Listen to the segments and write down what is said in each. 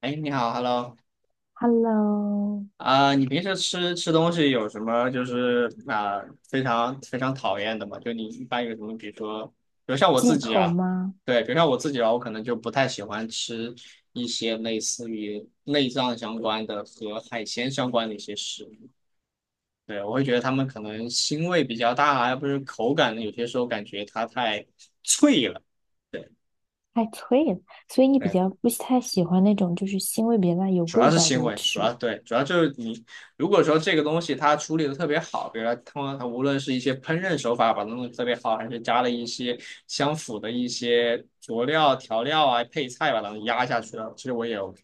哎，你好，Hello，Hello，你平时吃东西有什么非常非常讨厌的吗？就你一般有什么，比如说，比如像我忌自己口啊，吗？对，比如像我自己啊，我可能就不太喜欢吃一些类似于内脏相关的和海鲜相关的一些食物，对，我会觉得他们可能腥味比较大啊，要不是口感呢，有些时候感觉它太脆了。对，太脆了，所以你比对。较不太喜欢那种就是腥味比较大、有主要味是道行的为，主食物。要对，主要就是你如果说这个东西它处理的特别好，比如说通常它无论是一些烹饪手法把它弄得特别好，还是加了一些相符的一些佐料、调料啊、配菜把它们压下去了，其实我也 OK。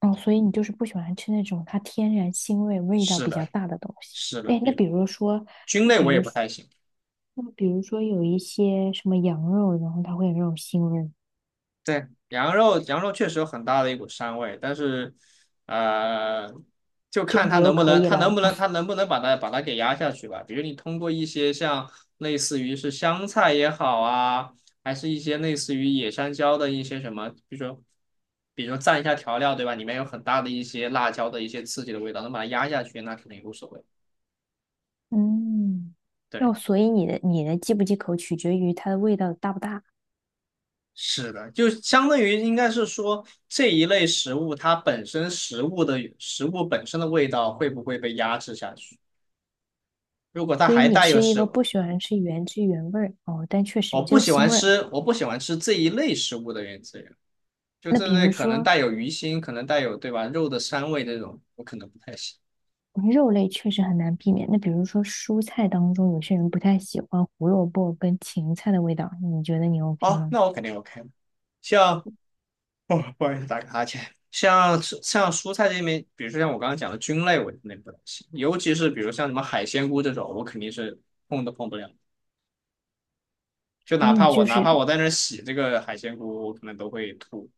嗯，所以你就是不喜欢吃那种它天然腥味、味道是比较的，大的东西。是的，哎，那比比如说，菌那类比我也如不说，太行。那比如说有一些什么羊肉，然后它会有那种腥味，对，羊肉确实有很大的一股膻味，但是，呃，就这看你它又能不可能，以了。它能不能把它给压下去吧。比如你通过一些像类似于是香菜也好啊，还是一些类似于野山椒的一些什么，比如说，比如说蘸一下调料，对吧？里面有很大的一些辣椒的一些刺激的味道，能把它压下去，那肯定无所谓。嗯，对。那所以你的忌不忌口取决于它的味道大不大。是的，就相当于应该是说这一类食物，它本身食物的食物本身的味道会不会被压制下去？如果它所以还你带有是一食个物，不喜欢吃原汁原味儿哦，但确我实这不个喜腥欢味儿。吃，我不喜欢吃这一类食物的原资源，就那这比类如可能说带有鱼腥，可能带有对吧肉的膻味这种，我可能不太行。肉类确实很难避免。那比如说蔬菜当中，有些人不太喜欢胡萝卜跟芹菜的味道，你觉得你 OK 哦，吗？那我肯定 OK 了像哦，不好意思，打个哈欠。像蔬菜这边，比如说像我刚刚讲的菌类，我肯定不太行，尤其是比如像什么海鲜菇这种，我肯定是碰都碰不了。就所哪以你怕我就是在那儿洗这个海鲜菇，我可能都会吐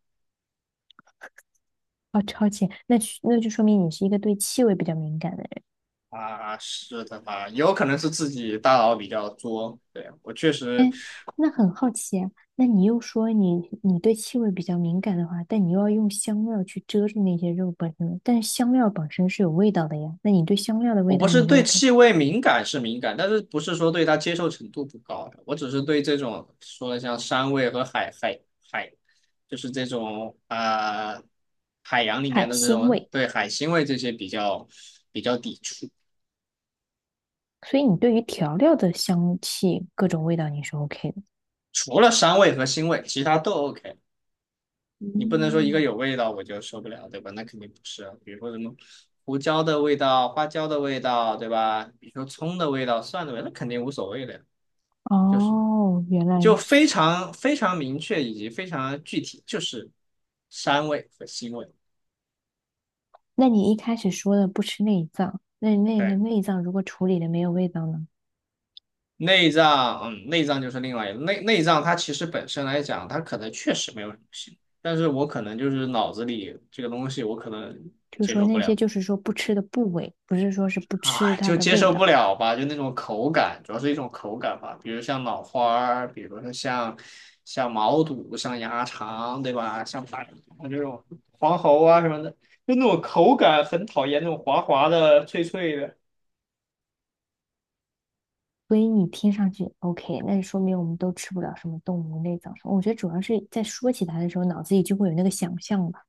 哦，超前，那是就说明你是一个对气味比较敏感的人。啊。是的吧？有可能是自己大脑比较作。对，我确实，那很好奇啊，那你又说你对气味比较敏感的话，但你又要用香料去遮住那些肉本身，但是香料本身是有味道的呀。那你对香料的味我不道是你就 对 OK，气味敏感是敏感，但是不是说对它接受程度不高，我只是对这种说的像山味和海，就是这种海洋里面海的这腥种味。对海腥味这些比较抵触。所以你对于调料的香气各种味道你是 OK 的。除了膻味和腥味，其他都 OK。你不能说一个嗯。有味道我就受不了，对吧？那肯定不是啊。比如说什么胡椒的味道、花椒的味道，对吧？比如说葱的味道、蒜的味道，那肯定无所谓的呀。就是哦，原来就如非此。常非常明确以及非常具体，就是膻味和腥味。那你一开始说的不吃内脏，那那个对，内脏如果处理的没有味道呢？内脏，嗯，内脏就是另外一个内脏，它其实本身来讲，它可能确实没有什么腥，但是我可能就是脑子里这个东西，我可能就是接说受不那些了。就是说不吃的部位，不是说是不吃啊，它就的接味受不道。了吧，就那种口感，主要是一种口感吧，比如像脑花儿，比如说像毛肚、像鸭肠，对吧？像这种黄喉啊什么的，就那种口感很讨厌，那种滑滑的、脆脆的所以你听上去 OK，那就说明我们都吃不了什么动物内脏什么。我觉得主要是在说起它的时候，脑子里就会有那个想象吧。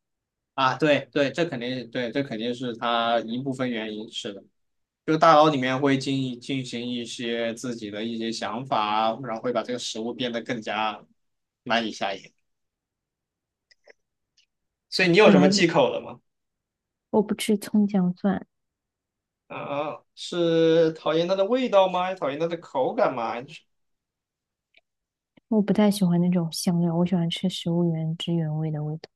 啊。对对，这肯定对，这肯定是它一部分原因，是的。就大脑里面会进行一些自己的一些想法，然后会把这个食物变得更加难以下咽。所以你有本什么来忌口的吗？我不吃葱姜蒜，啊，是讨厌它的味道吗？还是讨厌它的口感吗？还是我不太喜欢那种香料，我喜欢吃食物原汁原味的味道。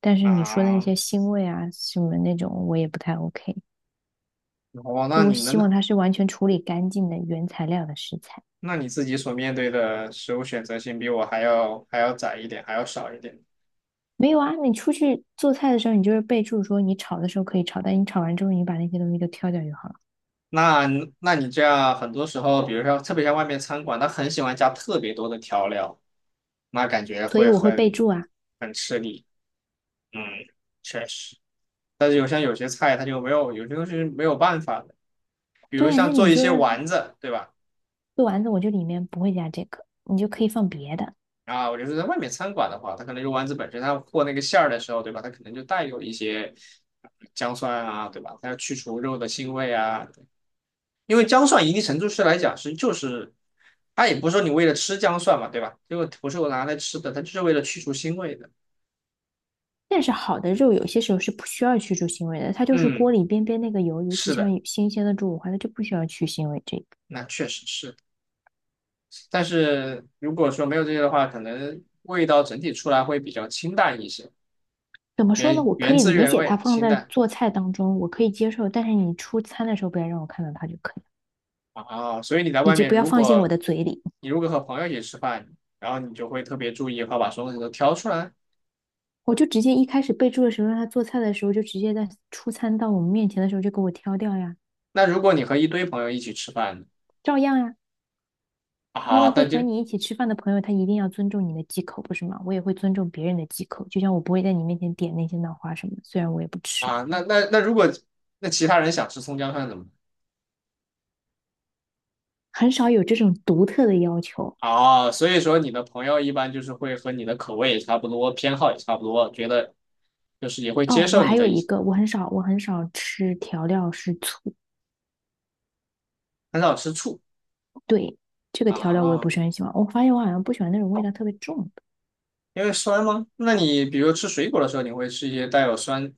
但是你说的那啊，些腥味啊什么那种，我也不太 OK。哦，就那我你希能，望它是完全处理干净的原材料的食材。那你自己所面对的食物选择性比我还要窄一点，还要少一点。没有啊，你出去做菜的时候，你就是备注说你炒的时候可以炒，但你炒完之后，你把那些东西都挑掉就好了。那那你这样很多时候，比如说特别像外面餐馆，他很喜欢加特别多的调料，那感觉所以会我会备很注啊，很吃力。嗯，确实。但是有像有些菜，它就没有，有些东西是没有办法的，比对如啊，像那你做一就些让它丸子，对吧？做丸子，我就里面不会加这个，你就可以放别的。啊，我就是在外面餐馆的话，它可能肉丸子本身，它和那个馅儿的时候，对吧？它可能就带有一些呃姜蒜啊，对吧？它要去除肉的腥味啊，因为姜蒜一定程度是来讲是就是，它也不是说你为了吃姜蒜嘛，对吧？这个不是我拿来吃的，它就是为了去除腥味的。但是好的肉有些时候是不需要去除腥味的，它就是锅嗯，里边那个油，尤其是像的，新鲜的猪五花，它就不需要去腥味这个。那确实是。但是如果说没有这些的话，可能味道整体出来会比较清淡一些，怎么说呢？我可原以汁理原解它味，放清在淡。做菜当中，我可以接受，但是你出餐的时候不要让我看到它就可以。啊，所以你在以外及面，不要如放进我果的嘴里。你如果和朋友一起吃饭，然后你就会特别注意和把所有东西都挑出来。我就直接一开始备注的时候，让他做菜的时候，就直接在出餐到我们面前的时候就给我挑掉呀，那如果你和一堆朋友一起吃饭，照样呀。因为啊，那会和就你一起吃饭的朋友，他一定要尊重你的忌口，不是吗？我也会尊重别人的忌口，就像我不会在你面前点那些脑花什么虽然我也不吃，啊，那如果那其他人想吃葱姜蒜怎么办？很少有这种独特的要求。啊，所以说你的朋友一般就是会和你的口味也差不多，偏好也差不多，觉得就是也会接哦，我受你还的有一一些，个，我很少吃调料是醋，很少吃醋对，这个调啊，料我也不是很喜欢。我发现我好像不喜欢那种味道特别重的，因为酸吗？那你比如吃水果的时候，你会吃一些带有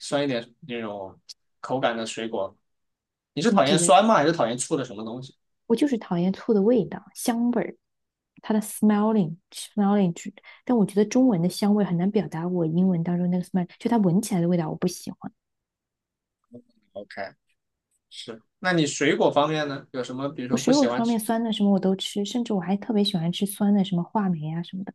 酸一点那种口感的水果你是你讨厌只酸吗？还是讨厌醋的什么东西？我就是讨厌醋的味道，香味儿。它的 smelling，但我觉得中文的香味很难表达我英文当中那个 smell，就它闻起来的味道我不喜欢。？OK，是，那你水果方面呢？有什么比如我说不水果喜欢方面吃？酸的什么我都吃，甚至我还特别喜欢吃酸的什么话梅啊什么的，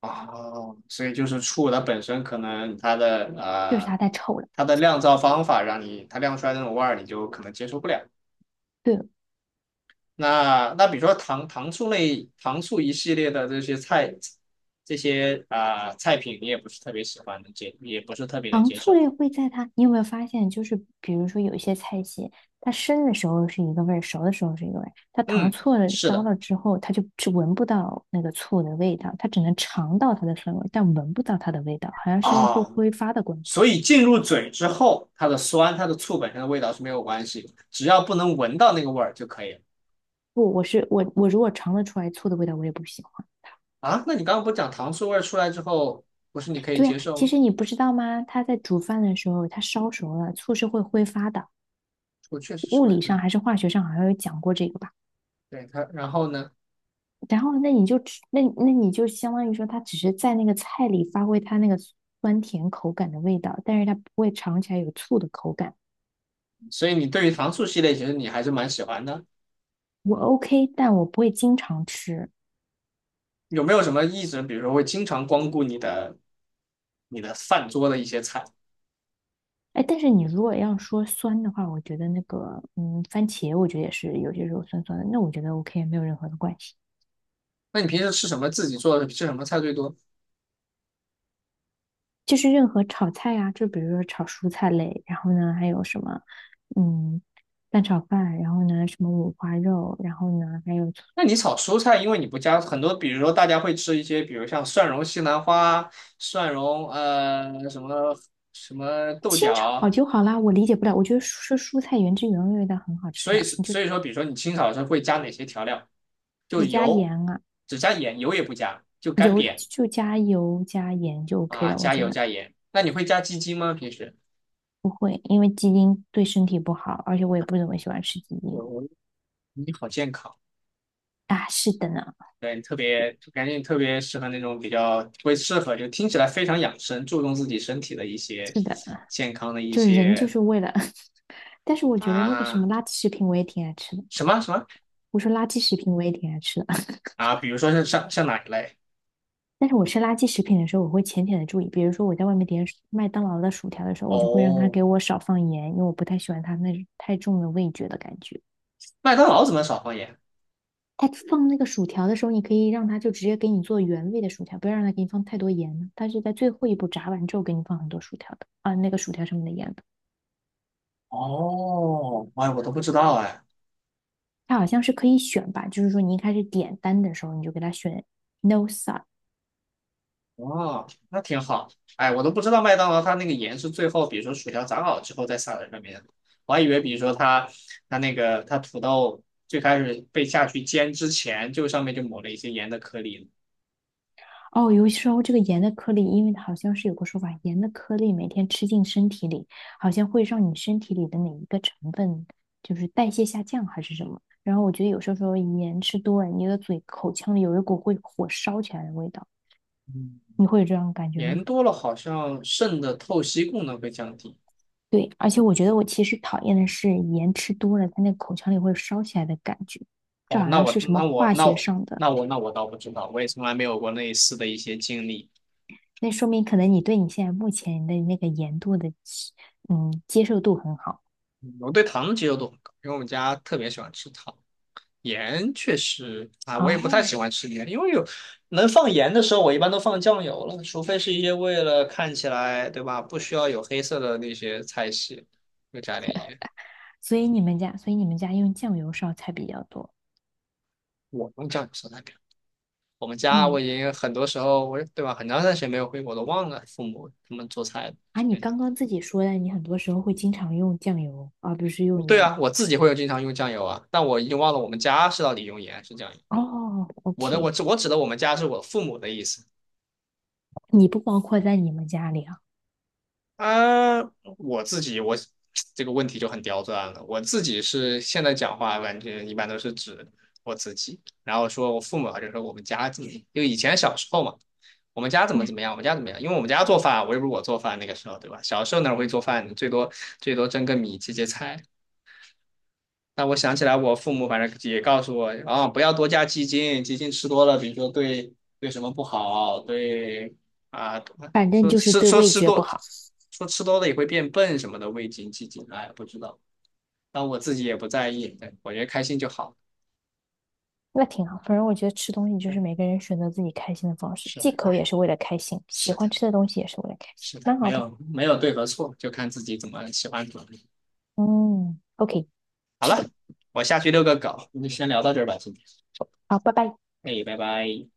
哦，所以就是醋它本身可能它的就是它太臭了。它的酿造方法让你它酿出来的那种味儿，你就可能接受不了。对了，那比如说糖醋类糖醋一系列的这些菜这些菜品，你也不是特别喜欢，能接也不是特别能糖接醋受。类会在它，你有没有发现，就是比如说有一些菜系，它生的时候是一个味儿，熟的时候是一个味儿，它糖嗯，醋了是烧的。了之后，它就是闻不到那个醋的味道，它只能尝到它的酸味，但闻不到它的味道，好像是用后啊、挥发的关系。所以进入嘴之后，它的酸、它的醋本身的味道是没有关系，只要不能闻到那个味儿就可以了。不，我是我我如果尝得出来醋的味道，我也不喜欢。啊，那你刚刚不讲糖醋味儿出来之后，不是你可以对呀，接啊受其吗？实你不知道吗？它在煮饭的时候，它烧熟了，醋是会挥发的。我确实是物会，理上还是化学上好像有讲过这个吧？对它。然后呢，然后那你就吃，那你就相当于说，它只是在那个菜里发挥它那个酸甜口感的味道，但是它不会尝起来有醋的口感。所以你对于糖醋系列其实你还是蛮喜欢的。我 OK，但我不会经常吃。有没有什么一直，比如说会经常光顾你的你的饭桌的一些菜？哎，但是你如果要说酸的话，我觉得那个嗯，番茄我觉得也是有些时候酸酸的，那我觉得 OK，没有任何的关系。那你平时吃什么？自己做的吃什么菜最多？就是任何炒菜啊，就比如说炒蔬菜类，然后呢还有什么，嗯，蛋炒饭，然后呢什么五花肉，然后呢还有那你炒蔬菜，因为你不加很多，比如说大家会吃一些，比如像蒜蓉西兰花、蒜蓉什么豆清炒角，就好啦。我理解不了，我觉得蔬菜原汁原味的很好吃啊，你就所以说，比如说你清炒的时候会加哪些调料？就只加油，盐啊，只加盐，油也不加，就干油煸就加油加盐就 OK 啊，了。我加觉油得加盐。那你会加鸡精吗？平时？会，因为鸡丁对身体不好，而且我也不怎么喜欢吃鸡丁我我你好健康，啊。是的呢，对，你特别感觉你特别适合那种比较会适合，就听起来非常养生，注重自己身体的一些是的，健康的一就是人就些是为了，但是我觉得那个什啊。么垃圾食品我也挺爱吃的。什么我说垃圾食品我也挺爱吃的。啊？比如说像哪一类？但是我吃垃圾食品的时候，我会浅浅的注意，比如说我在外面点麦当劳的薯条的时候，我就会让他哦，给我少放盐，因为我不太喜欢它那太重的味觉的感觉。麦当劳怎么少放盐？他放那个薯条的时候，你可以让他就直接给你做原味的薯条，不要让他给你放太多盐呢。他是在最后一步炸完之后给你放很多薯条的啊，那个薯条上面的盐的。哦，哎，我都不知道哎。它好像是可以选吧，就是说你一开始点单的时候，你就给他选 no salt，哦，那挺好。哎，我都不知道麦当劳它那个盐是最后，比如说薯条炸好之后再撒在上面的我还以为，比如说它那个它土豆最开始被下去煎之前，就上面就抹了一些盐的颗粒呢哦，有时候这个盐的颗粒，因为好像是有个说法，盐的颗粒每天吃进身体里，好像会让你身体里的哪一个成分就是代谢下降还是什么。然后我觉得有时候说盐吃多了，你的嘴口腔里有一股会火烧起来的味道，嗯，你会有这种感觉吗？盐多了好像肾的透析功能会降低。对，而且我觉得其实讨厌的是盐吃多了，它那个口腔里会烧起来的感觉，这哦，好那像我是什么那我化那学我上的，那我倒不知道，我也从来没有过类似的一些经历。那说明可能你对你现在目前的那个盐度的，嗯，接受度很好。我对糖的接受度很高，因为我们家特别喜欢吃糖。盐确实啊，我也不太哦，喜欢吃盐，因为有能放盐的时候，我一般都放酱油了，除非是一些为了看起来，对吧，不需要有黑色的那些菜系，会加点盐。所以你们家用酱油烧菜比较多。我用酱油烧菜表，我们家我嗯，已经很多时候，我对吧，很长一段时间没有回国，都忘了父母他们做菜啊，什你么样。刚刚自己说的，你很多时候会经常用酱油，而不是用对盐。啊，我自己会有经常用酱油啊，但我已经忘了我们家是到底用盐还是酱油。哦，OK，我指的我们家是我父母的意思。你不包括在你们家里啊。啊，我自己我这个问题就很刁钻了。我自己是现在讲话，感觉一般都是指我自己，然后说我父母啊，就说我们家怎么，就以前小时候嘛，我们家怎么嗯，怎么样，我们家怎么样，因为我们家做饭啊，我又不是我做饭那个时候，对吧？小时候哪会做饭，最多蒸个米，切切菜，那我想起来，我父母反正也告诉我，啊，不要多加鸡精，鸡精吃多了，比如说对什么不好，对啊，反正说就是吃对说味吃觉不多，好。说吃多了也会变笨什么的，味精、鸡精，哎，不知道。但我自己也不在意，对我觉得开心就好。那挺好，反正我觉得吃东西就对，是每个人选择自己开心的方式，是啊，忌口也是为了开心，喜是欢的，吃的东西也是为了开心，是的，蛮没好的。有没有对和错，就看自己怎么喜欢怎么。嗯，OK，好吃了，的我下去遛个狗，我们就先聊到这儿吧，今天。好，拜拜。哎，拜拜。